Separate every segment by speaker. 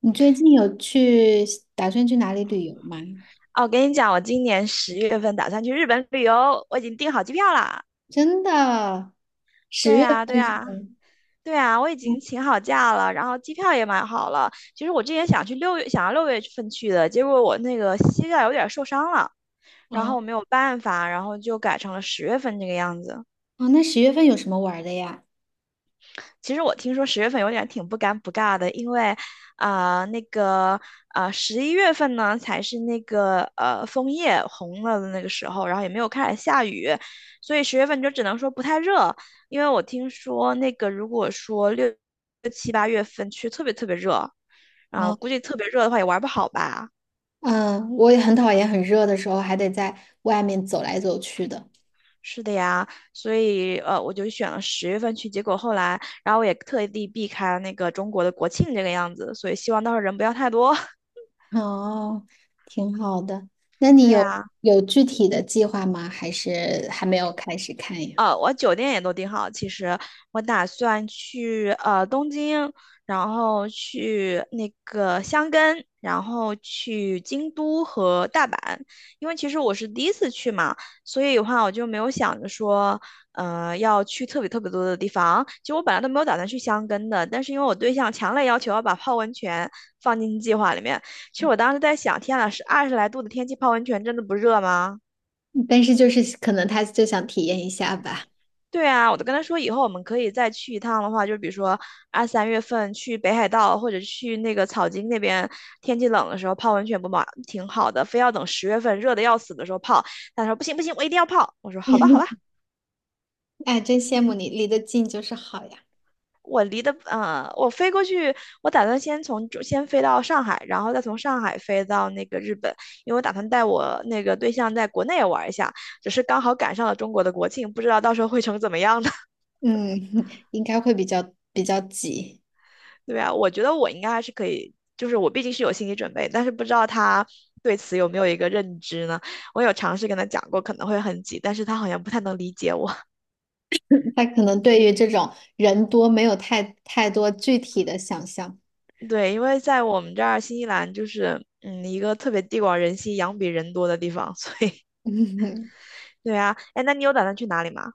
Speaker 1: 你最近打算去哪里旅游吗？
Speaker 2: 哦，我跟你讲，我今年十月份打算去日本旅游，我已经订好机票啦。
Speaker 1: 真的，
Speaker 2: 对
Speaker 1: 十月
Speaker 2: 呀，对
Speaker 1: 份是吗？
Speaker 2: 呀，对呀，我已
Speaker 1: 嗯。
Speaker 2: 经请好假了，然后机票也买好了。其实我之前想去六月，想要六月份去的，结果我那个膝盖有点受伤了，然后
Speaker 1: 哦
Speaker 2: 我没有办法，然后就改成了十月份这个样子。
Speaker 1: 哦，那十月份有什么玩儿的呀？
Speaker 2: 其实我听说十月份有点挺不尴不尬的，因为，啊、那个，11月份呢才是那个枫叶红了的那个时候，然后也没有开始下雨，所以十月份就只能说不太热。因为我听说那个如果说6、7、8月份去特别特别热，我
Speaker 1: 哦，
Speaker 2: 估计特别热的话也玩不好吧。
Speaker 1: 嗯，我也很讨厌很热的时候还得在外面走来走去的。
Speaker 2: 是的呀，所以我就选了十月份去，结果后来，然后我也特地避开了那个中国的国庆这个样子，所以希望到时候人不要太多。
Speaker 1: 哦，挺好的。那你
Speaker 2: 对
Speaker 1: 有
Speaker 2: 啊，
Speaker 1: 有具体的计划吗？还是还没有开始看呀？
Speaker 2: 我酒店也都订好。其实我打算去东京，然后去那个箱根，然后去京都和大阪。因为其实我是第一次去嘛，所以的话我就没有想着说，要去特别特别多的地方。其实我本来都没有打算去箱根的，但是因为我对象强烈要求要把泡温泉放进计划里面，其实我当时在想，天呐，是20来度的天气泡温泉真的不热吗？
Speaker 1: 但是就是可能他就想体验一下吧。
Speaker 2: 对啊，我都跟他说，以后我们可以再去一趟的话，就比如说2、3月份去北海道或者去那个草津那边，天气冷的时候泡温泉不嘛挺好的，非要等十月份热的要死的时候泡。他说不行不行，我一定要泡。我说好吧好吧，
Speaker 1: 哎，真羡慕你，离得近就是好呀。
Speaker 2: 我离的我飞过去，我打算先飞到上海，然后再从上海飞到那个日本，因为我打算带我那个对象在国内玩一下，只是刚好赶上了中国的国庆，不知道到时候会成怎么样呢。
Speaker 1: 嗯。应该会比较急。
Speaker 2: 对啊，我觉得我应该还是可以，就是我毕竟是有心理准备，但是不知道他对此有没有一个认知呢？我有尝试跟他讲过可能会很挤，但是他好像不太能理解我。
Speaker 1: 他可能对于这种人多没有太多具体的想象。
Speaker 2: 对，因为在我们这儿新西兰就是嗯一个特别地广人稀、羊比人多的地方，所以 对啊，哎，那你有打算去哪里吗？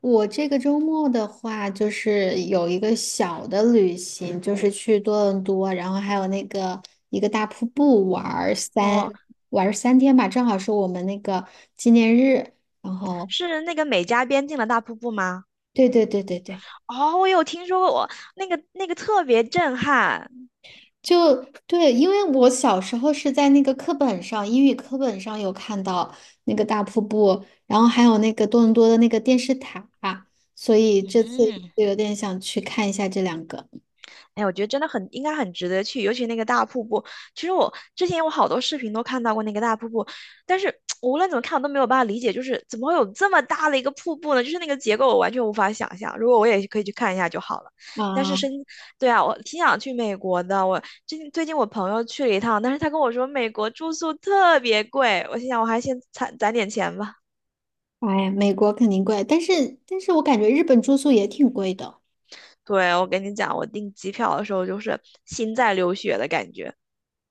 Speaker 1: 我这个周末的话，就是有一个小的旅行，就是去多伦多，然后还有那个一个大瀑布玩儿三
Speaker 2: 哦，
Speaker 1: 玩儿三天吧，正好是我们那个纪念日。然后，
Speaker 2: 是那个美加边境的大瀑布吗？
Speaker 1: 对对对对对，
Speaker 2: 哦，我有听说过，我那个特别震撼。
Speaker 1: 就对，因为我小时候是在那个课本上，英语课本上有看到那个大瀑布，然后还有那个多伦多的那个电视塔，所以这次
Speaker 2: 嗯，
Speaker 1: 就有点想去看一下这两个。
Speaker 2: 哎，我觉得真的很应该很值得去，尤其那个大瀑布。其实我之前我好多视频都看到过那个大瀑布，但是无论怎么看我都没有办法理解，就是怎么会有这么大的一个瀑布呢？就是那个结构我完全无法想象。如果我也可以去看一下就好了。但是深，
Speaker 1: 啊。
Speaker 2: 对啊，我挺想去美国的。我最近我朋友去了一趟，但是他跟我说美国住宿特别贵，我心想我还先攒攒点钱吧。
Speaker 1: 哎呀，美国肯定贵，但是我感觉日本住宿也挺贵的，
Speaker 2: 对，我跟你讲，我订机票的时候就是心在流血的感觉。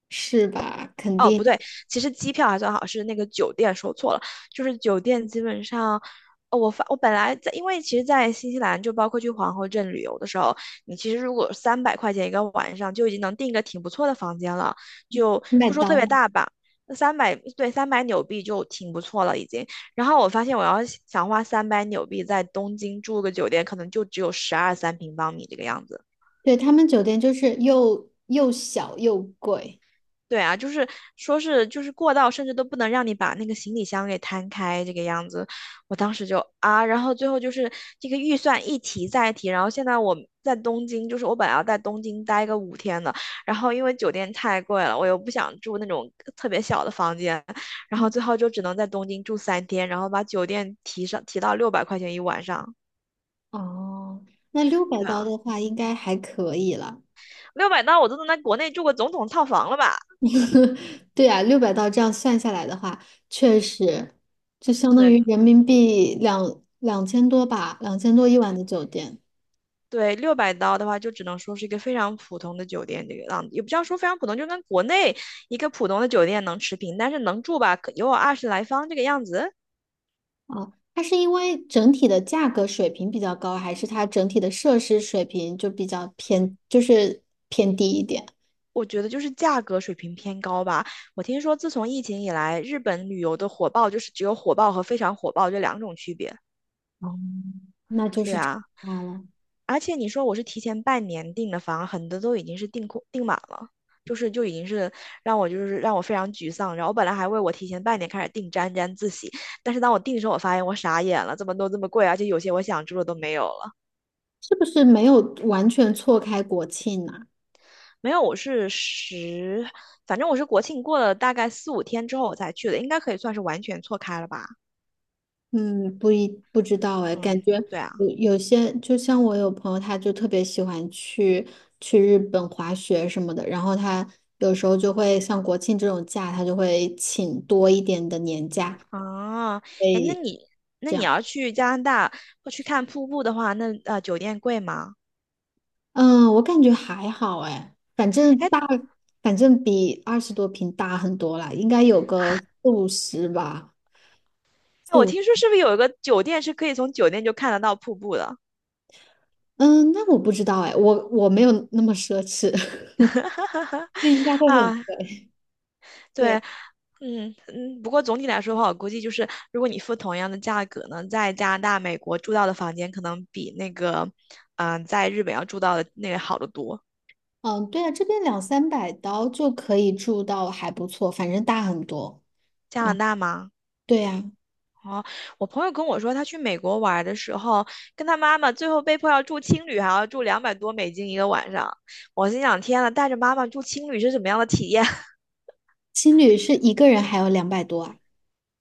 Speaker 1: 是吧？肯
Speaker 2: 哦，不
Speaker 1: 定。
Speaker 2: 对，其实机票还算好，是那个酒店说错了，就是酒店基本上，哦，我本来在，因为其实，在新西兰就包括去皇后镇旅游的时候，你其实如果300块钱一个晚上就已经能订一个挺不错的房间了，就
Speaker 1: 麦
Speaker 2: 不说特
Speaker 1: 当
Speaker 2: 别
Speaker 1: 劳。
Speaker 2: 大吧，那三百对三百纽币就挺不错了已经。然后我发现我要想花三百纽币在东京住个酒店，可能就只有12、13平方米这个样子。
Speaker 1: 对，他们酒店就是又小又贵。
Speaker 2: 对啊，就是说是就是过道，甚至都不能让你把那个行李箱给摊开这个样子。我当时就啊，然后最后就是这个预算一提再提，然后现在我在东京，就是我本来要在东京待个五天的，然后因为酒店太贵了，我又不想住那种特别小的房间，然后
Speaker 1: 嗯。
Speaker 2: 最后就只能在东京住3天，然后把酒店提到600块钱一晚上。
Speaker 1: 哦，那六百
Speaker 2: 对
Speaker 1: 刀
Speaker 2: 啊，
Speaker 1: 的话应该还可以了。
Speaker 2: 六百刀我都能在国内住个总统套房了吧？
Speaker 1: 对呀，600刀这样算下来的话，确实就相当
Speaker 2: 对，
Speaker 1: 于人民币两千多吧，两千多一晚的酒店。
Speaker 2: 对，六百刀的话，就只能说是一个非常普通的酒店，这个样子也不叫说非常普通，就跟国内一个普通的酒店能持平，但是能住吧，可有20来方这个样子，
Speaker 1: 啊。它是因为整体的价格水平比较高，还是它整体的设施水平就比较偏，就是偏低一点？
Speaker 2: 我觉得就是价格水平偏高吧。我听说自从疫情以来，日本旅游的火爆就是只有火爆和非常火爆这两种区别。
Speaker 1: 哦，那就
Speaker 2: 对
Speaker 1: 是差
Speaker 2: 啊，
Speaker 1: 大了。
Speaker 2: 而且你说我是提前半年订的房，很多都已经是订空订满了，就已经是让我非常沮丧。然后我本来还为我提前半年开始订沾沾自喜，但是当我订的时候，我发现我傻眼了，这么多这么贵，而且有些我想住的都没有了。
Speaker 1: 是不是没有完全错开国庆呢？
Speaker 2: 没有，我是十，反正我是国庆过了大概4、5天之后我才去的，应该可以算是完全错开了吧？
Speaker 1: 嗯，不知道哎，感觉
Speaker 2: 嗯，对啊，
Speaker 1: 有有些。就像我有朋友，他就特别喜欢去日本滑雪什么的，然后他有时候就会像国庆这种假，他就会请多一点的年假，
Speaker 2: 啊，哎，那
Speaker 1: 会
Speaker 2: 你那
Speaker 1: 这
Speaker 2: 你
Speaker 1: 样。
Speaker 2: 要去加拿大或去看瀑布的话，那酒店贵吗？
Speaker 1: 嗯，我感觉还好哎，反正
Speaker 2: 哎，
Speaker 1: 大。反正比20多平大很多啦，应该有个四五十吧，四
Speaker 2: 我
Speaker 1: 五。
Speaker 2: 听说是不是有一个酒店是可以从酒店就看得到瀑布的？
Speaker 1: 嗯，那我不知道哎，我没有那么奢侈。那应该会很
Speaker 2: 啊，
Speaker 1: 贵。
Speaker 2: 对，
Speaker 1: 对。
Speaker 2: 嗯嗯，不过总体来说的话，我估计就是如果你付同样的价格呢，在加拿大、美国住到的房间可能比那个，在日本要住到的那个好得多。
Speaker 1: 嗯，对啊，这边两三百刀就可以住到还不错，反正大很多。
Speaker 2: 加
Speaker 1: 然
Speaker 2: 拿
Speaker 1: 后，
Speaker 2: 大吗？
Speaker 1: 对呀。
Speaker 2: 哦，我朋友跟我说，他去美国玩的时候，跟他妈妈最后被迫要住青旅，还要住200多美金一个晚上。我心想，天呐，带着妈妈住青旅是什么样的体验？
Speaker 1: 青旅是一个人还有两百多啊。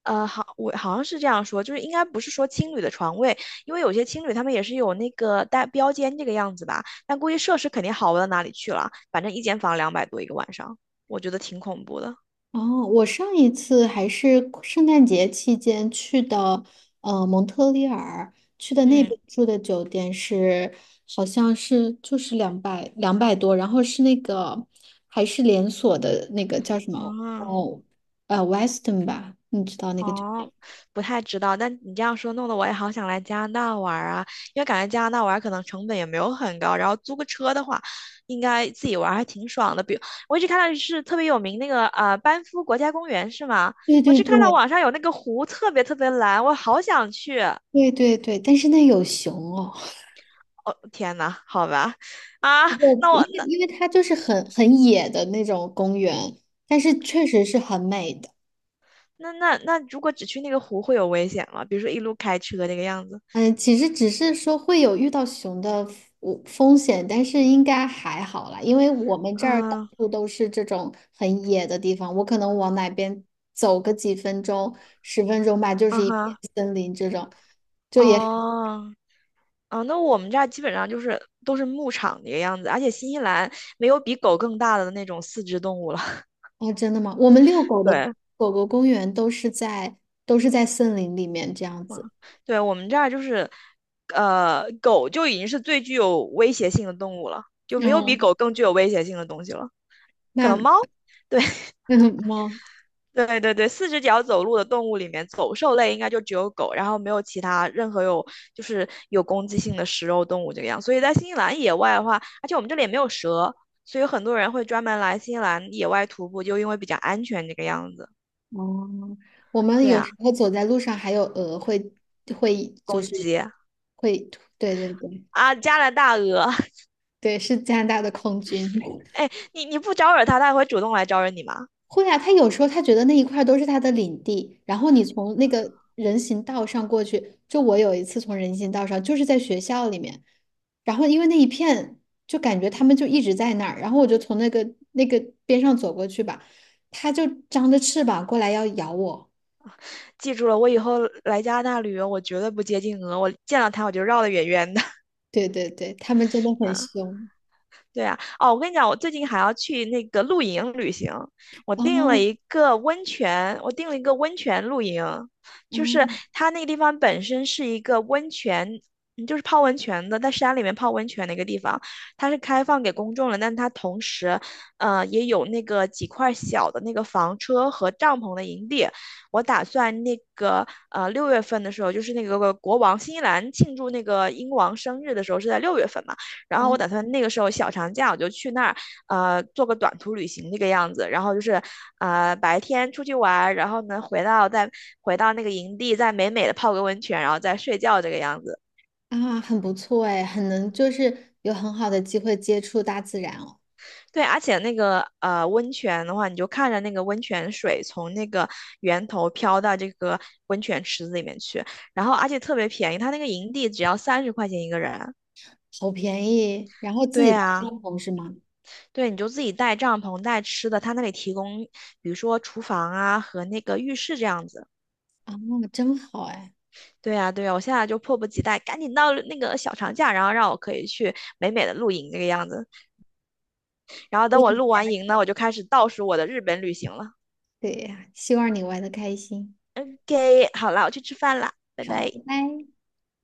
Speaker 2: 好，我好像是这样说，就是应该不是说青旅的床位，因为有些青旅他们也是有那个带标间这个样子吧，但估计设施肯定好不到哪里去了，反正一间房两百多一个晚上，我觉得挺恐怖的。
Speaker 1: 哦，我上一次还是圣诞节期间去的。蒙特利尔去的那
Speaker 2: 嗯，
Speaker 1: 边住的酒店是。好像是就是两百多，然后是那个还是连锁的那个叫什么？
Speaker 2: 啊。
Speaker 1: 哦，Weston 吧，你知道那个酒
Speaker 2: 哦，
Speaker 1: 店。
Speaker 2: 不太知道，但你这样说，弄得我也好想来加拿大玩儿啊，因为感觉加拿大玩儿可能成本也没有很高，然后租个车的话，应该自己玩儿还挺爽的。比如我一直看到是特别有名那个班夫国家公园是吗？
Speaker 1: 对
Speaker 2: 我
Speaker 1: 对
Speaker 2: 只看到
Speaker 1: 对
Speaker 2: 网上有那个湖特别特别蓝，我好想去。
Speaker 1: 对对对，但是那有熊哦。
Speaker 2: 哦，天呐，好吧，啊，
Speaker 1: 对，
Speaker 2: 那我
Speaker 1: 因为
Speaker 2: 那
Speaker 1: 因为它就是很野的那种公园，但是确实是很美的。
Speaker 2: 那那那如果只去那个湖会有危险吗？比如说一路开车那个样子？
Speaker 1: 嗯，其实只是说会有遇到熊的风险，但是应该还好啦，因为我们这儿到
Speaker 2: 嗯，
Speaker 1: 处都是这种很野的地方，我可能往哪边走个几分钟、10分钟吧，就
Speaker 2: 啊
Speaker 1: 是一片
Speaker 2: 哈，
Speaker 1: 森林这种。就也
Speaker 2: 哦。啊，那我们这儿基本上就是都是牧场的一个样子，而且新西兰没有比狗更大的那种四肢动物了。
Speaker 1: 哦，真的吗？我们遛狗的
Speaker 2: 对，
Speaker 1: 狗狗公园都是在森林里面这样子。
Speaker 2: 嗯，对，我们这儿就是，狗就已经是最具有威胁性的动物了，就没有比
Speaker 1: 哦，
Speaker 2: 狗更具有威胁性的东西了。可
Speaker 1: 那
Speaker 2: 能 猫，对。
Speaker 1: 那嗯吗？
Speaker 2: 对对对，四只脚走路的动物里面，走兽类应该就只有狗，然后没有其他任何有就是有攻击性的食肉动物这个样。所以在新西兰野外的话，而且我们这里也没有蛇，所以很多人会专门来新西兰野外徒步，就因为比较安全这个样子。
Speaker 1: 哦，我们
Speaker 2: 对
Speaker 1: 有
Speaker 2: 啊，
Speaker 1: 时候走在路上，还有鹅会会就
Speaker 2: 公
Speaker 1: 是
Speaker 2: 鸡
Speaker 1: 会，对对对
Speaker 2: 啊，加拿大鹅，
Speaker 1: 对，是加拿大的空军。
Speaker 2: 哎，你不招惹它，它也会主动来招惹你吗？
Speaker 1: 会啊，他有时候他觉得那一块儿都是他的领地，然后你从那个人行道上过去。就我有一次从人行道上，就是在学校里面，然后因为那一片，就感觉他们就一直在那儿，然后我就从那个边上走过去吧，他就张着翅膀过来要咬我。
Speaker 2: 记住了，我以后来加拿大旅游，我绝对不接近鹅，我见到它我就绕得远远的。
Speaker 1: 对对对，他们真的很 凶。
Speaker 2: 对啊，哦，我跟你讲，我最近还要去那个露营旅行，我订了
Speaker 1: 哦。
Speaker 2: 一个温泉，我订了一个温泉露营，
Speaker 1: 哦。
Speaker 2: 就是它那个地方本身是一个温泉，嗯就是泡温泉的，在山里面泡温泉的一个地方，它是开放给公众了，但它同时，也有那个几块小的那个房车和帐篷的营地。我打算那个六月份的时候，就是那个国王新西兰庆祝那个英王生日的时候是在六月份嘛。然后
Speaker 1: 哇。
Speaker 2: 我打算那个时候小长假我就去那儿，做个短途旅行那个样子。然后就是，白天出去玩然后呢回到那个营地，再美美的泡个温泉，然后再睡觉这个样子。
Speaker 1: 啊，很不错哎，很能就是有很好的机会接触大自然哦。
Speaker 2: 对，而且那个温泉的话，你就看着那个温泉水从那个源头飘到这个温泉池子里面去，然后而且特别便宜，它那个营地只要30块钱一个人。
Speaker 1: 好便宜，然后自
Speaker 2: 对
Speaker 1: 己带帐
Speaker 2: 啊。
Speaker 1: 篷是吗？
Speaker 2: 对，你就自己带帐篷、带吃的，他那里提供，比如说厨房啊和那个浴室这样子。
Speaker 1: 啊，真好哎。
Speaker 2: 对呀，对呀，我现在就迫不及待，赶紧到那个小长假，然后让我可以去美美的露营这个样子。然后等我
Speaker 1: 对。
Speaker 2: 露完营呢，我就开始倒数我的日本旅行了。
Speaker 1: 对呀，希望你玩的开心。
Speaker 2: OK，好了，我去吃饭啦，拜
Speaker 1: 好，
Speaker 2: 拜。
Speaker 1: 拜拜。